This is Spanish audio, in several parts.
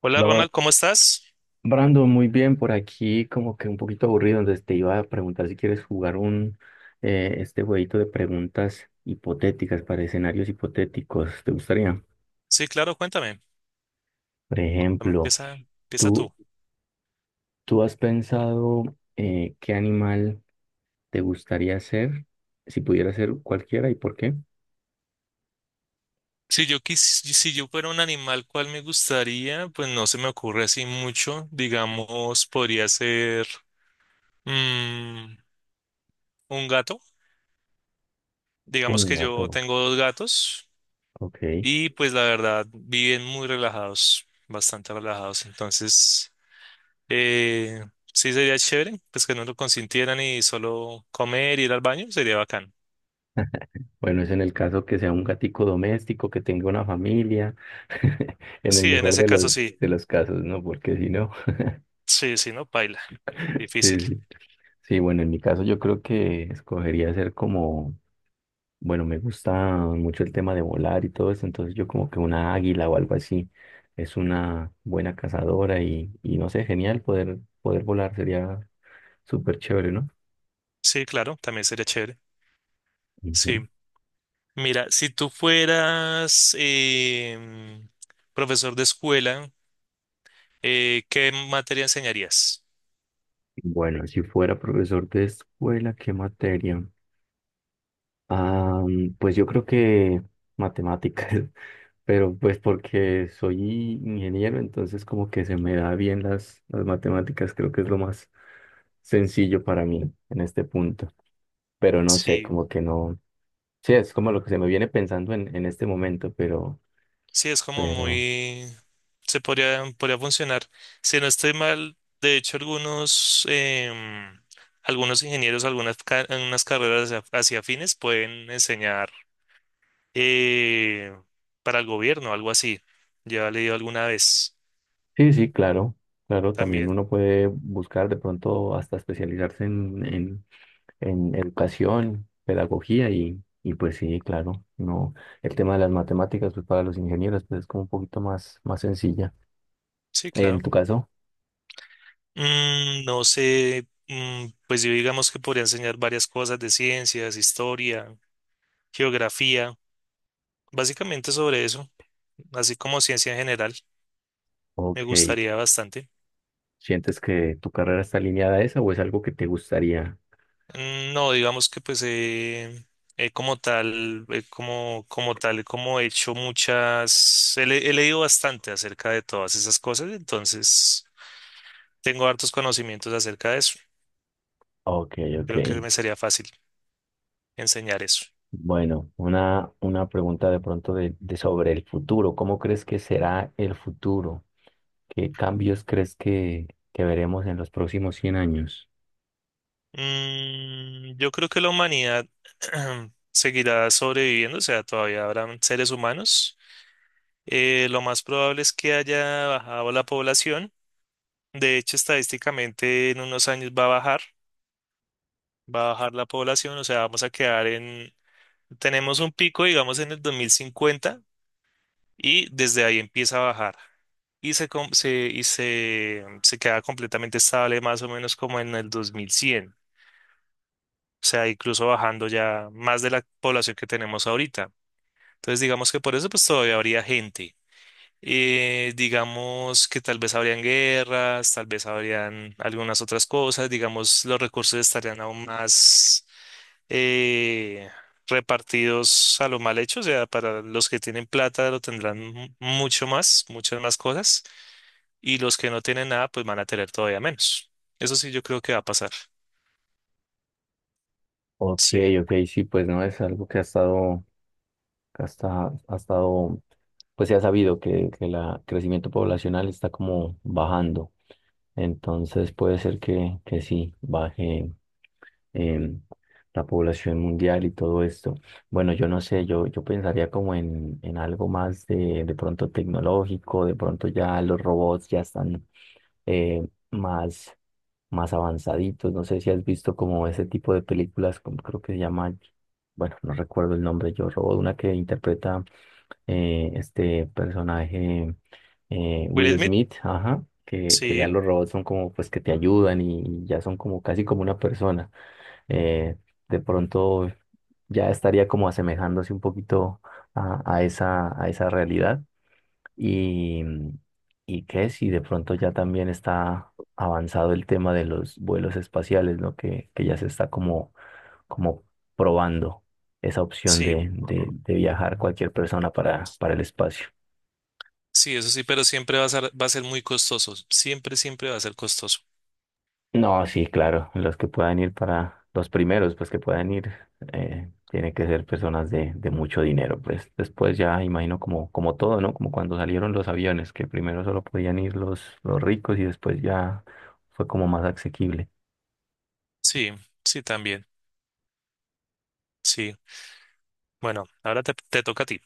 Hola Bla- Ronald, ¿cómo estás? Brando, muy bien, por aquí como que un poquito aburrido, entonces te iba a preguntar si quieres jugar un este jueguito de preguntas hipotéticas para escenarios hipotéticos, ¿te gustaría? Sí, claro, cuéntame. Por Cuéntame, ejemplo, empieza tú. ¿tú, tú has pensado ¿qué animal te gustaría ser si pudiera ser cualquiera y por qué? Si yo quis- si yo fuera un animal, ¿cuál me gustaría? Pues no se me ocurre así mucho. Digamos, podría ser mm, un gato. Un Digamos que gato. yo tengo dos gatos Ok. y pues la verdad viven muy relajados, bastante relajados. Entonces, eh, sí sería chévere, pues que no lo consintieran y solo comer, ir al baño, sería bacán. Bueno, es en el caso que sea un gatico doméstico, que tenga una familia, en el Sí, en mejor ese caso sí. de los casos, ¿no? Porque si no, Sí, sí, no, paila. Difícil. sí, sí. Sí, bueno, en mi caso yo creo que escogería ser como, bueno, me gusta mucho el tema de volar y todo eso, entonces yo como que una águila o algo así es una buena cazadora y no sé, genial poder, poder volar, sería súper chévere, ¿no? Sí, claro, también sería chévere. Ujú. Sí. Mira, si tú fueras profesor de escuela, ¿qué materia enseñarías? Bueno, si fuera profesor de escuela, ¿qué materia? Ah, mm, pues yo creo que matemáticas, pero pues porque soy ingeniero, entonces como que se me da bien las matemáticas, creo que es lo más sencillo para mí en este punto, pero no sé, Sí, como que no, sí, es como lo que se me viene pensando en este momento, sí, es como pero, muy... Se podría, podría funcionar. Si no estoy mal, de hecho, algunos, algunos ingenieros, unas carreras hacia afines pueden enseñar eh, para el gobierno, algo así. Ya he leído alguna vez sí, sí, claro, claro, también también. uno puede buscar de pronto hasta especializarse en educación, pedagogía y pues sí, claro, no, el tema de las matemáticas, pues para los ingenieros, pues es como un poquito más, más sencilla. Sí, En claro. tu caso, No sé, pues yo digamos que podría enseñar varias cosas de ciencias, historia, geografía, básicamente sobre eso, así como ciencia en general, me ok, gustaría bastante. ¿sientes que tu carrera está alineada a esa o es algo que te gustaría? No, digamos que pues como tal, como tal, como he hecho muchas, he leído bastante acerca de todas esas cosas, entonces tengo hartos conocimientos acerca de eso. Ok, ok. Creo que me sería fácil enseñar eso. Bueno, una pregunta de pronto de sobre el futuro. ¿Cómo crees que será el futuro? ¿Qué cambios crees que veremos en los próximos 100 años? Yo creo que la humanidad seguirá sobreviviendo, o sea, todavía habrán seres humanos. Lo más probable es que haya bajado la población. De hecho, estadísticamente en unos años va a bajar la población, o sea, vamos a quedar en, tenemos un pico, digamos, en el 2050, y desde ahí empieza a bajar. Y se, com- se- y se, se queda completamente estable más o menos como en el 2100. Sea, incluso bajando ya más de la población que tenemos ahorita. Entonces, digamos que por eso pues todavía habría gente. Digamos que tal vez habrían guerras, tal vez habrían algunas otras cosas, digamos los recursos estarían aún más eh, repartidos a lo mal hecho, o sea, para los que tienen plata lo tendrán mucho más, muchas más cosas, y los que no tienen nada pues van a tener todavía menos. Eso sí yo creo que va a pasar. Ok, Sí. ok, sí, pues no es algo que ha estado, que hasta, ha estado, pues se ha sabido que el crecimiento poblacional está como bajando. Entonces puede ser que sí, baje em, la población mundial y todo esto. Bueno, yo no sé, yo pensaría como en algo más de pronto tecnológico, de pronto ya los robots ya están eh, más, más avanzaditos. No sé si has visto como ese tipo de películas, como creo que se llama, bueno, no recuerdo el nombre, Yo Robot, una que interpreta este personaje Will Will Smith, Smith, ajá. Que ya sí, los robots son como pues que te ayudan y ya son como casi como una persona eh, de pronto ya estaría como asemejándose un poquito a esa realidad. Y, y que si de pronto ya también está avanzado el tema de los vuelos espaciales, ¿no? Que ya se está como, como probando esa opción sí. De viajar cualquier persona para el espacio. Sí, eso sí, pero siempre va a ser muy costoso. Siempre, siempre va a ser costoso. No, sí, claro, los que puedan ir para los primeros, pues que puedan ir, tienen que ser personas de mucho dinero, pues después ya imagino como, como todo, ¿no? Como cuando salieron los aviones, que primero solo podían ir los ricos y después ya fue como más asequible. Sí, sí, también. Sí. Bueno, ahora te toca a ti.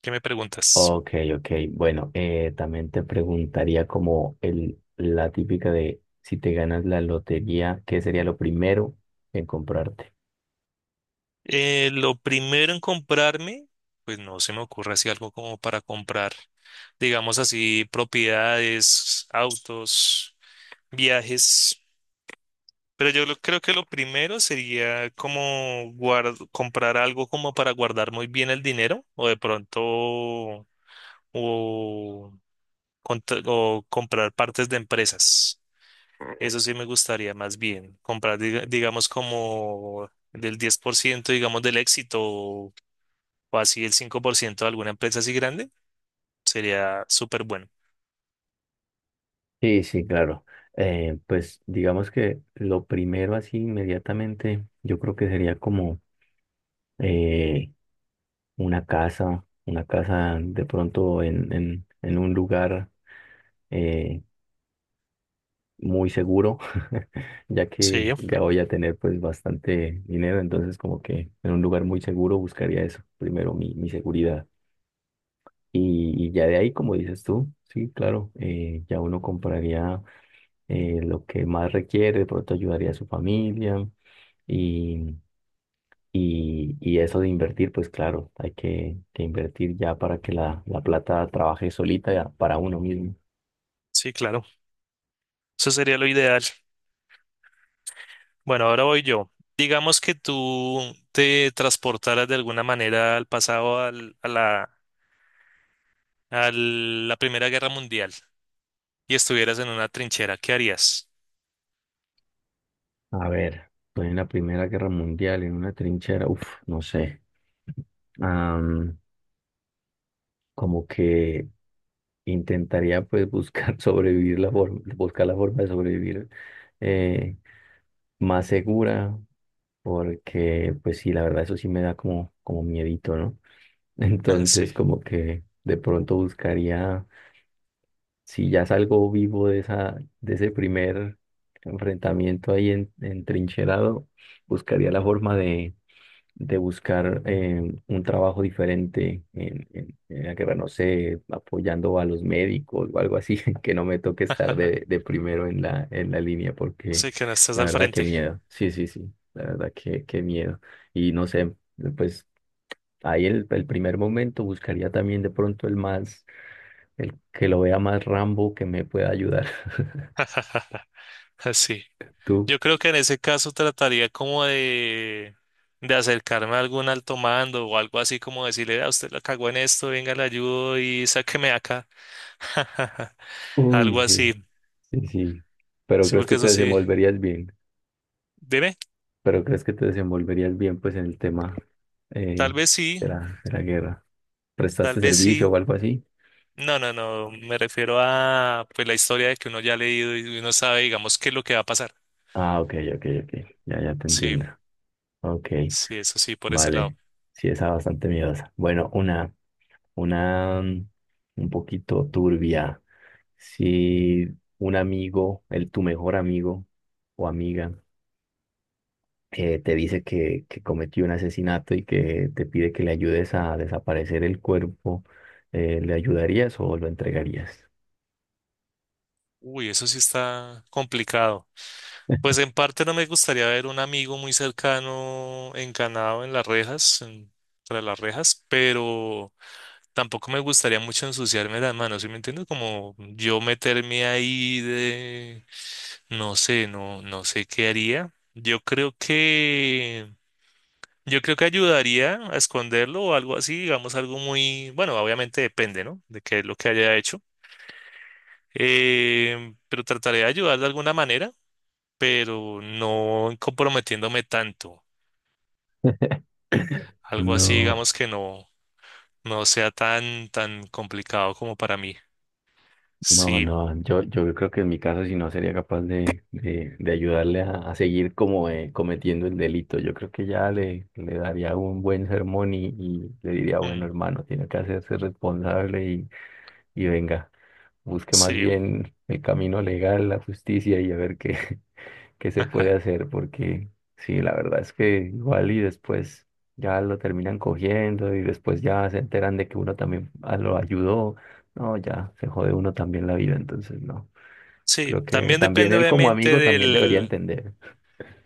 ¿Qué me preguntas? Ok, ok, bueno, también te preguntaría como el, la típica de si te ganas la lotería, ¿qué sería lo primero en comprarte? Lo primero en comprarme, pues no se me ocurre así algo como para comprar, digamos así, propiedades, autos, viajes. Pero creo que lo primero sería como comprar algo como para guardar muy bien el dinero o de pronto o o comprar partes de empresas. Eso sí me gustaría más bien. Comprar, digamos, como del 10% digamos, del éxito o así el 5% de alguna empresa así grande. Sería súper bueno. Sí, sí, claro. Pues digamos que lo primero así inmediatamente, yo creo que sería como eh, una casa de pronto en un lugar eh, muy seguro, ya Sí, que ya voy a tener pues bastante dinero, entonces como que en un lugar muy seguro buscaría eso, primero mi, mi seguridad. Y ya de ahí, como dices tú, sí, claro, ya uno compraría lo que más requiere, de pronto ayudaría a su familia y, y eso de invertir, pues claro, hay que invertir ya para que la plata trabaje solita ya para uno mismo. sí, claro. Eso sería lo ideal. Bueno, ahora voy yo. Digamos que tú te transportaras de alguna manera al pasado, a la Primera Guerra Mundial y estuvieras en una trinchera. ¿Qué harías? A ver, estoy en la Primera Guerra Mundial, en una trinchera, uff, no sé, am, como que intentaría pues buscar sobrevivir la forma, buscar la forma de sobrevivir eh, más segura, porque pues sí, la verdad eso sí me da como, como miedito, ¿no? Sí. Entonces, como que de pronto buscaría, si ya salgo vivo de esa, de ese primer enfrentamiento ahí en, entrincherado, buscaría la forma de buscar un trabajo diferente en, en la guerra, no sé, apoyando a los médicos o algo así, que no me toque estar de primero en la línea, porque Sí, que no estás la al verdad que frente. miedo. Sí, sí, sí, la verdad que miedo. Y no sé, pues. Ahí el primer momento buscaría también de pronto el más, el que lo vea más Rambo que me pueda ayudar. Sí, Tú. yo creo que en ese caso trataría como de acercarme a algún alto mando o algo así como decirle, a usted la cagó en esto, venga, le ayudo y sáqueme de acá. Algo Uy, sí, así. sí, sí. Pero Sí, crees porque que eso te sí. desenvolverías bien. Dime, Pero crees que te desenvolverías bien pues en el tema tal eh, vez sí, de la guerra. tal ¿Prestaste vez servicio sí. o algo así? No, no, no, me refiero a pues la historia de que uno ya ha leído y uno sabe, digamos, qué es lo que va a pasar. Ah, ok, ok, ok. Ya, ya te Sí, entiendo. Ok, sí, eso sí, por ese lado. vale. Sí, esa bastante miedosa. Bueno, una un poquito turbia. Si un amigo, el tu mejor amigo o amiga, te dice que cometió un asesinato y que te pide que le ayudes a desaparecer el cuerpo, ¿le ayudarías o lo entregarías? Uy, eso sí está complicado. Pues en parte no me gustaría ver un amigo muy cercano encanado en las rejas, tras las rejas, pero tampoco me gustaría mucho ensuciarme las manos, ¿sí me entiendes? Como yo meterme ahí de, no sé, no, no sé qué haría. Yo creo que ayudaría a esconderlo o algo así, digamos algo muy, bueno, obviamente depende, ¿no? De qué es lo que haya hecho. Pero trataré de ayudar de alguna manera pero no comprometiéndome tanto. Algo así, No, digamos que no, no sea tan, tan complicado como para mí. no, Sí, no, yo creo que en mi caso si no sería capaz de ayudarle a seguir como cometiendo el delito. Yo creo que ya le daría un buen sermón y le diría, bueno, mm, hermano, tiene que hacerse responsable y venga. Busque más sí. bien el camino legal, la justicia y a ver qué, qué se puede Ajá. hacer, porque sí, la verdad es que igual y después ya lo terminan cogiendo y después ya se enteran de que uno también ah, lo ayudó, no, ya se jode uno también la vida, entonces no, Sí, creo que también también depende él como obviamente amigo también debería del... entender.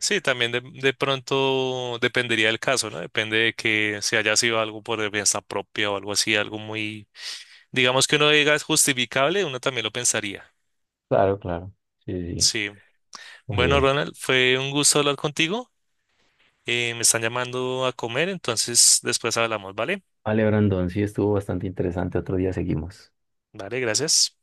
Sí, también de pronto dependería del caso, ¿no? Depende de que si haya sido algo por defensa propia o algo así, algo muy, digamos que uno diga es justificable, uno también lo pensaría. Claro, claro, sí, sí. Sí. Bueno, Oye, Ronald, fue un gusto hablar contigo. Me están llamando a comer, entonces después hablamos, ¿vale? vale, Brandon, sí estuvo bastante interesante, otro día seguimos. Vale, gracias.